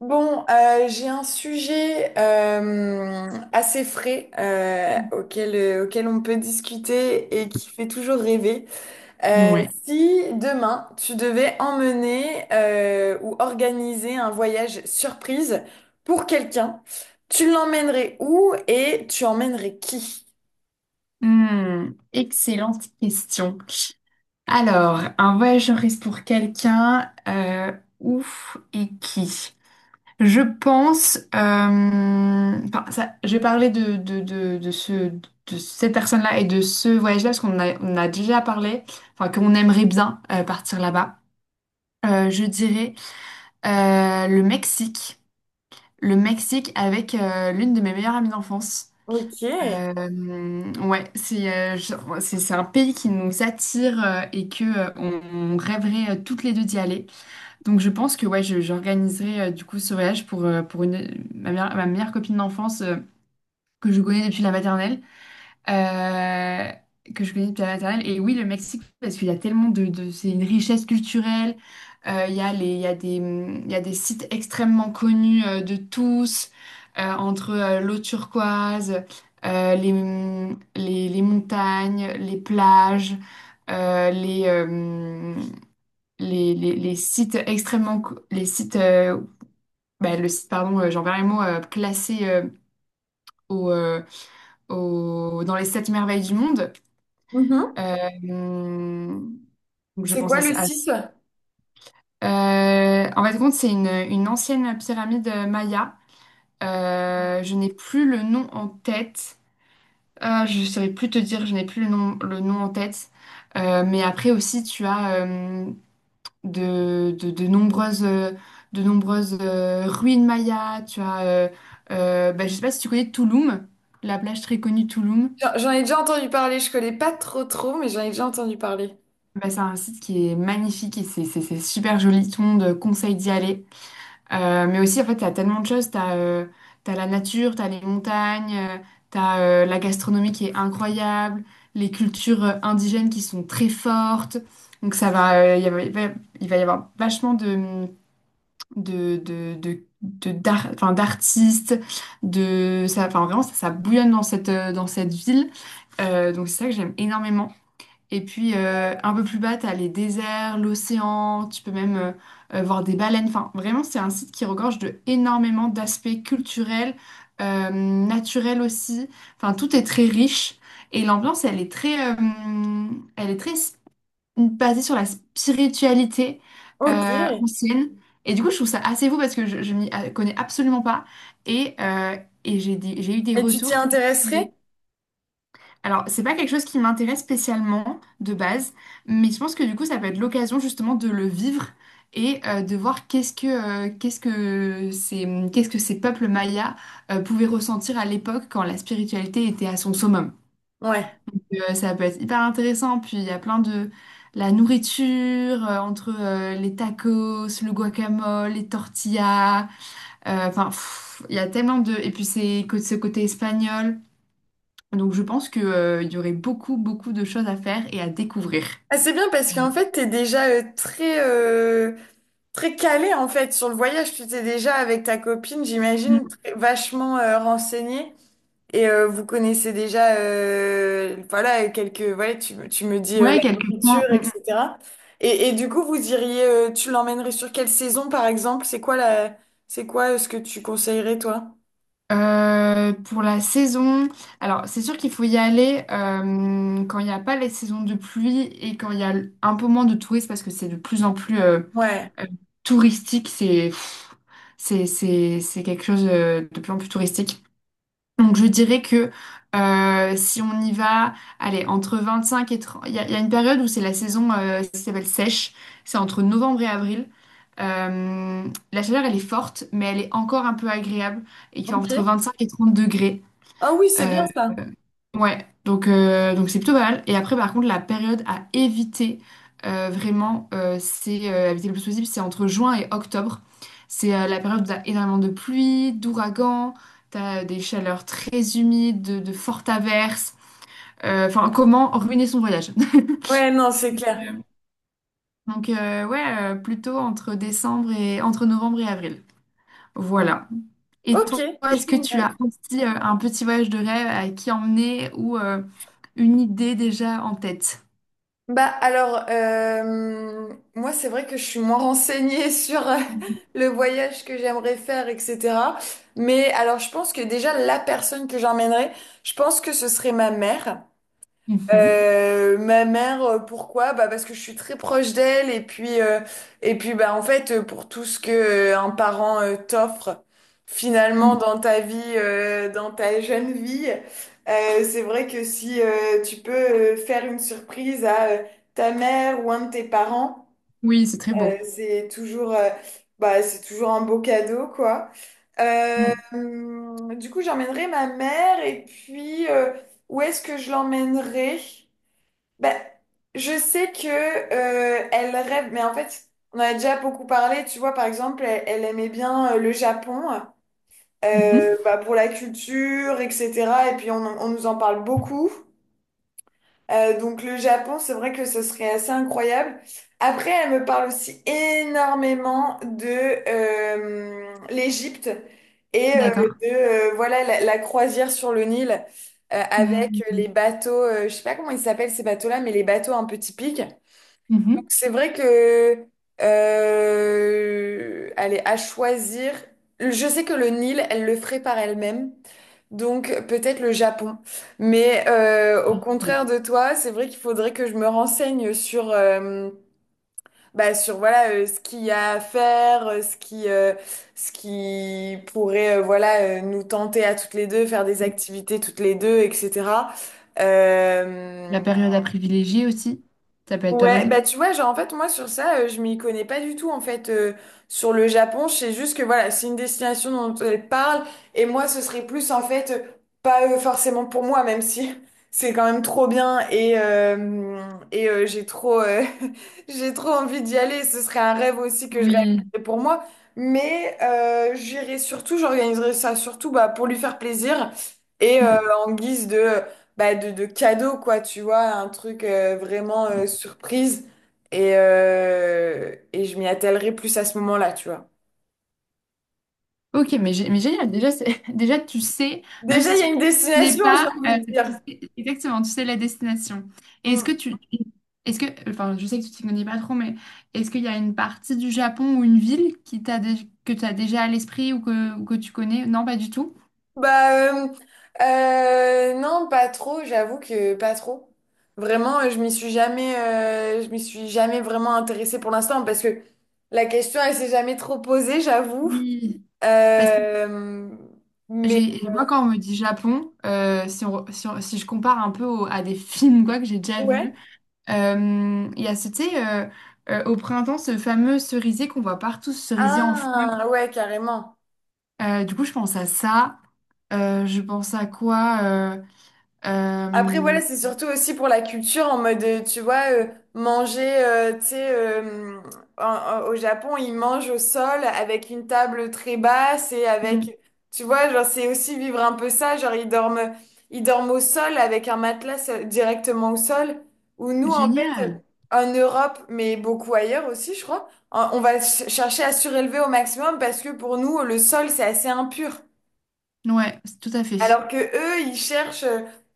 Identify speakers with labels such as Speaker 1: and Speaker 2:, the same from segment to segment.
Speaker 1: J'ai un sujet assez frais auquel on peut discuter et qui fait toujours rêver. Euh,
Speaker 2: Ouais.
Speaker 1: si demain tu devais emmener ou organiser un voyage surprise pour quelqu'un, tu l'emmènerais où et tu emmènerais qui?
Speaker 2: Hmm, excellente question. Alors, un voyageur risque pour quelqu'un, ouf et qui? Je pense, enfin, ça, je vais parler de ce, de cette personne-là et de ce voyage-là parce qu'on a, on a déjà parlé, enfin, qu'on aimerait bien partir là-bas. Je dirais le Mexique. Le Mexique avec l'une de mes meilleures amies d'enfance.
Speaker 1: Ok.
Speaker 2: Ouais, c'est c'est un pays qui nous attire et que on rêverait toutes les deux d'y aller. Donc je pense que j'organiserai du coup ce voyage pour une ma meilleure copine d'enfance que je connais depuis euh, la maternelle. Et oui, le Mexique, parce qu'il y a tellement c'est une richesse culturelle. Il y a il y a il y a des sites extrêmement connus de tous, entre l'eau turquoise, les, les montagnes, les plages, euh, les, euh, les sites extrêmement, co- les sites, bah, le site, pardon, j'en perds les mots, classé au, euh, dans les sept merveilles du monde.
Speaker 1: Mhm.
Speaker 2: Euh, je
Speaker 1: C'est
Speaker 2: pense
Speaker 1: quoi
Speaker 2: à
Speaker 1: le
Speaker 2: ça.
Speaker 1: site?
Speaker 2: En fait, c'est une ancienne pyramide maya. Je n'ai plus le nom en tête. Ah, je ne saurais plus te dire, je n'ai plus le nom en tête. Mais après aussi, tu as de nombreuses, ruines mayas. Je ne sais pas si tu connais Tulum, la plage très connue Tulum.
Speaker 1: J'en ai déjà entendu parler, je connais pas trop, mais j'en ai déjà entendu parler.
Speaker 2: Bah, c'est un site qui est magnifique et c'est super joli. Tout le monde conseille d'y aller. Mais aussi, en fait, t'as tellement de choses. T'as la nature, t'as les montagnes, t'as la gastronomie qui est incroyable, les cultures indigènes qui sont très fortes. Donc ça va, il y a- il va y avoir vachement enfin, d'artistes, de ça, enfin vraiment ça bouillonne dans cette ville. Donc c'est ça que j'aime énormément. Et puis un peu plus bas, t'as les déserts, l'océan, tu peux même voir des baleines. Enfin, vraiment, c'est un site qui regorge de énormément d'aspects culturels, naturels aussi. Enfin, tout est très riche et l'ambiance, elle est basée sur la spiritualité
Speaker 1: Ok.
Speaker 2: ancienne. Et du coup, je trouve ça assez fou parce que je m'y connais absolument pas et, et j'ai eu des
Speaker 1: Et tu t'y
Speaker 2: retours qui disent
Speaker 1: intéresserais?
Speaker 2: alors, c'est pas quelque chose qui m'intéresse spécialement de base, mais je pense que du coup, ça peut être l'occasion justement de le vivre et de voir qu'est-ce que ces peuples mayas pouvaient ressentir à l'époque quand la spiritualité était à son summum.
Speaker 1: Ouais.
Speaker 2: Euh, ça peut être hyper intéressant. Puis il y a plein de la nourriture entre les tacos, le guacamole, les tortillas. Euh, enfin, pff, il y a tellement de et puis ce côté espagnol. Donc je pense que, il y aurait beaucoup, beaucoup de choses à faire et à découvrir.
Speaker 1: Ah, c'est bien parce qu'en fait, t'es déjà très, très calé en fait sur le voyage. Tu t'es déjà avec ta copine, j'imagine,
Speaker 2: Mm.
Speaker 1: vachement renseignée. Et vous connaissez déjà, voilà, quelques, voilà, tu me dis
Speaker 2: Ouais,
Speaker 1: la
Speaker 2: quelques
Speaker 1: nourriture,
Speaker 2: points. Mm, mm.
Speaker 1: etc. Et du coup, vous diriez, tu l'emmènerais sur quelle saison, par exemple? C'est quoi ce que tu conseillerais, toi?
Speaker 2: Pour la saison, alors c'est sûr qu'il faut y aller quand il n'y a pas les saisons de pluie et quand il y a un peu moins de touristes parce que c'est de plus en plus
Speaker 1: Ouais,
Speaker 2: euh, touristique. C'est quelque chose de plus en plus touristique. Donc je dirais que si on y va, allez, entre 25 et 30, il y a une période où c'est la saison qui s'appelle sèche, c'est entre novembre et avril. Euh, la chaleur, elle est forte, mais elle est encore un peu agréable, et qui est entre
Speaker 1: ok.
Speaker 2: 25 et 30 degrés.
Speaker 1: Ah oui, c'est
Speaker 2: Euh,
Speaker 1: bien ça.
Speaker 2: Ouais, donc c'est plutôt pas mal. Et après, par contre, la période à éviter vraiment, c'est éviter le plus possible, c'est entre juin et octobre. C'est la période où t'as énormément de pluie, d'ouragans, t'as des chaleurs très humides, de fortes averses. Enfin, comment ruiner son voyage?
Speaker 1: Ouais, non, c'est clair.
Speaker 2: Donc plutôt entre novembre et avril. Voilà. Et
Speaker 1: Ok,
Speaker 2: toi, est-ce que tu as
Speaker 1: génial.
Speaker 2: aussi un petit voyage de rêve à qui emmener ou une idée déjà en tête?
Speaker 1: Bah alors, moi c'est vrai que je suis moins renseignée sur le voyage que j'aimerais faire, etc. Mais alors je pense que déjà la personne que j'emmènerais, je pense que ce serait ma mère.
Speaker 2: Mhm.
Speaker 1: Ma mère, pourquoi? Bah parce que je suis très proche d'elle et puis et puis en fait pour tout ce que un parent t'offre finalement
Speaker 2: Mm.
Speaker 1: dans ta vie, dans ta jeune vie, c'est vrai que si tu peux faire une surprise à ta mère ou un de tes parents,
Speaker 2: Oui, c'est très beau.
Speaker 1: c'est toujours c'est toujours un beau cadeau quoi.
Speaker 2: Mm.
Speaker 1: Du coup j'emmènerai ma mère et puis où est-ce que je l'emmènerai? Ben, je sais que elle rêve, mais en fait, on en a déjà beaucoup parlé. Tu vois, par exemple, elle, elle aimait bien le Japon
Speaker 2: Mhm.
Speaker 1: pour la culture, etc. Et puis, on nous en parle beaucoup. Donc, le Japon, c'est vrai que ce serait assez incroyable. Après, elle me parle aussi énormément de l'Égypte et
Speaker 2: D'accord.
Speaker 1: de voilà la croisière sur le Nil avec les
Speaker 2: Mm.
Speaker 1: bateaux. Je sais pas comment ils s'appellent ces bateaux-là, mais les bateaux un peu typiques. Donc,
Speaker 2: Mhm.
Speaker 1: c'est vrai que, allez, à choisir, je sais que le Nil, elle le ferait par elle-même, donc peut-être le Japon. Mais au contraire de toi, c'est vrai qu'il faudrait que je me renseigne sur, bah, sur voilà, ce qu'il y a à faire, ce qui pourrait nous tenter à toutes les deux, faire des activités toutes les deux, etc.
Speaker 2: La
Speaker 1: Euh,
Speaker 2: période à privilégier aussi, ça peut être pas
Speaker 1: Ouais,
Speaker 2: mal.
Speaker 1: bah tu vois, genre en fait moi sur ça, je m'y connais pas du tout en fait sur le Japon, je sais juste que voilà, c'est une destination dont elle parle et moi ce serait plus en fait pas forcément pour moi même si c'est quand même trop bien et j'ai trop j'ai trop envie d'y aller, ce serait un rêve aussi que je
Speaker 2: Oui.
Speaker 1: réaliserais pour moi, mais j'irai surtout, j'organiserai ça surtout bah pour lui faire plaisir et en guise de bah, de cadeau, quoi, tu vois, un truc vraiment
Speaker 2: Mm.
Speaker 1: surprise. Et je m'y attellerai plus à ce moment-là, tu vois.
Speaker 2: Ok, mais, mais génial. Déjà, c'est- déjà, tu sais, même
Speaker 1: Déjà,
Speaker 2: si
Speaker 1: il y a
Speaker 2: tu
Speaker 1: une
Speaker 2: n'es
Speaker 1: destination, j'ai
Speaker 2: pas,
Speaker 1: envie de
Speaker 2: tu
Speaker 1: dire.
Speaker 2: sais- exactement, tu sais la destination. Et
Speaker 1: Mm.
Speaker 2: est-ce que, enfin, je sais que tu t'y connais pas trop, mais est-ce qu'il y a une partie du Japon ou une ville qui que tu as déjà à l'esprit ou ou que tu connais? Non, pas du tout.
Speaker 1: Bah, euh, non, pas trop, j'avoue que pas trop. Vraiment, je m'y suis jamais vraiment intéressée pour l'instant parce que la question, elle s'est jamais trop posée, j'avoue.
Speaker 2: Oui, parce que
Speaker 1: Euh, mais
Speaker 2: j'ai, moi, quand on me dit Japon, si je compare un peu à des films quoi, que j'ai déjà vus,
Speaker 1: ouais.
Speaker 2: il y a, tu sais, au printemps, ce fameux cerisier qu'on voit partout, ce cerisier en fleurs.
Speaker 1: Ah, ouais, carrément.
Speaker 2: Du coup, je pense à ça. Je pense à quoi?
Speaker 1: Après, voilà,
Speaker 2: Euh,
Speaker 1: c'est surtout aussi pour la culture, en mode, tu vois, manger, tu sais, au Japon, ils mangent au sol avec une table très basse et
Speaker 2: hmm.
Speaker 1: avec, tu vois, genre, c'est aussi vivre un peu ça, genre, ils dorment au sol avec un matelas directement au sol, où nous, en fait,
Speaker 2: Génial.
Speaker 1: en Europe, mais beaucoup ailleurs aussi, je crois, on va chercher à surélever au maximum parce que pour nous, le sol, c'est assez impur.
Speaker 2: Ouais, c'est tout à fait.
Speaker 1: Alors que eux,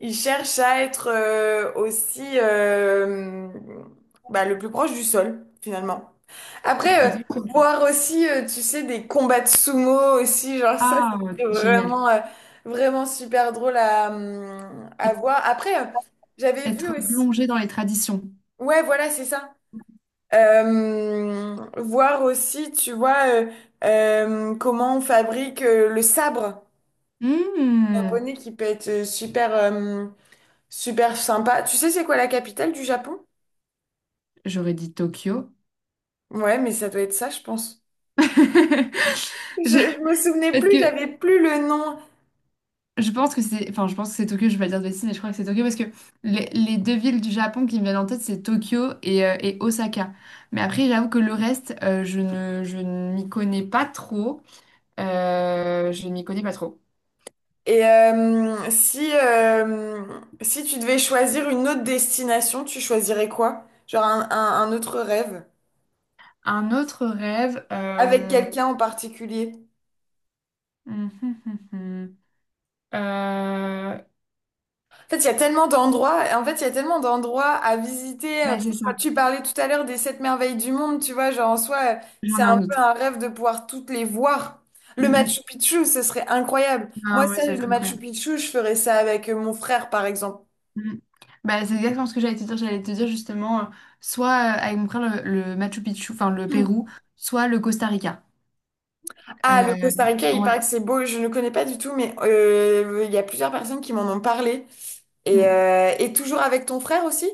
Speaker 1: ils cherchent à être le plus proche du sol, finalement. Après,
Speaker 2: Exactement.
Speaker 1: voir aussi, tu sais, des combats de sumo aussi, genre ça,
Speaker 2: Ah, ouais,
Speaker 1: c'est
Speaker 2: génial.
Speaker 1: vraiment, vraiment super drôle à voir. Après, j'avais vu
Speaker 2: Être
Speaker 1: aussi.
Speaker 2: plongé dans les traditions.
Speaker 1: Ouais, voilà, c'est ça. Voir aussi, tu vois, comment on fabrique le sabre
Speaker 2: Hmm.
Speaker 1: japonais qui peut être Super sympa. Tu sais, c'est quoi la capitale du Japon?
Speaker 2: J'aurais dit Tokyo.
Speaker 1: Ouais, mais ça doit être ça, je pense.
Speaker 2: Je-
Speaker 1: Je me souvenais
Speaker 2: Parce
Speaker 1: plus,
Speaker 2: que
Speaker 1: j'avais plus le nom.
Speaker 2: je pense que c'est, enfin, je pense que c'est Tokyo. Je vais pas dire de bêtises, mais je crois que c'est Tokyo parce que les deux villes du Japon qui me viennent en tête, c'est Tokyo et Osaka. Mais après, j'avoue que le reste, je ne m'y connais pas trop. Je m'y connais pas trop.
Speaker 1: Et si, si tu devais choisir une autre destination, tu choisirais quoi? Genre un autre rêve?
Speaker 2: Un autre rêve.
Speaker 1: Avec quelqu'un en particulier?
Speaker 2: Hum, hum, hum, hum. Euh,
Speaker 1: En fait, il y a tellement d'endroits, en fait, il y a tellement d'endroits à visiter.
Speaker 2: Bah, c'est ça.
Speaker 1: Tu parlais tout à l'heure des sept merveilles du monde, tu vois, genre en soi,
Speaker 2: J'en ai
Speaker 1: c'est un
Speaker 2: un
Speaker 1: peu
Speaker 2: autre.
Speaker 1: un rêve de pouvoir toutes les voir. Le
Speaker 2: Hum, hum.
Speaker 1: Machu Picchu, ce serait incroyable. Moi,
Speaker 2: Ah ouais,
Speaker 1: ça,
Speaker 2: ça va
Speaker 1: le
Speaker 2: être
Speaker 1: Machu
Speaker 2: incroyable.
Speaker 1: Picchu, je ferais ça avec mon frère, par exemple.
Speaker 2: Hum. Bah, c'est exactement ce que j'allais te dire. J'allais te dire justement, soit avec mon frère le Machu Picchu, enfin le Pérou, soit le Costa Rica.
Speaker 1: Ah, le
Speaker 2: Euh,
Speaker 1: Costa Rica, il
Speaker 2: ouais.
Speaker 1: paraît que c'est beau, je ne connais pas du tout, mais il y a plusieurs personnes qui m'en ont parlé.
Speaker 2: Mm.
Speaker 1: Et toujours avec ton frère aussi?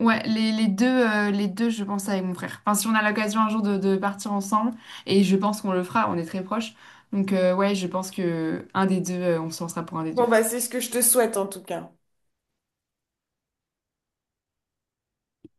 Speaker 2: Ouais, les deux, je pense avec mon frère. Enfin, si on a l'occasion un jour de partir ensemble, et je pense qu'on le fera, on est très proches. Donc, ouais, je pense que un des deux, on se lancera pour un des deux.
Speaker 1: Bon, bah, c'est ce que je te souhaite en tout cas.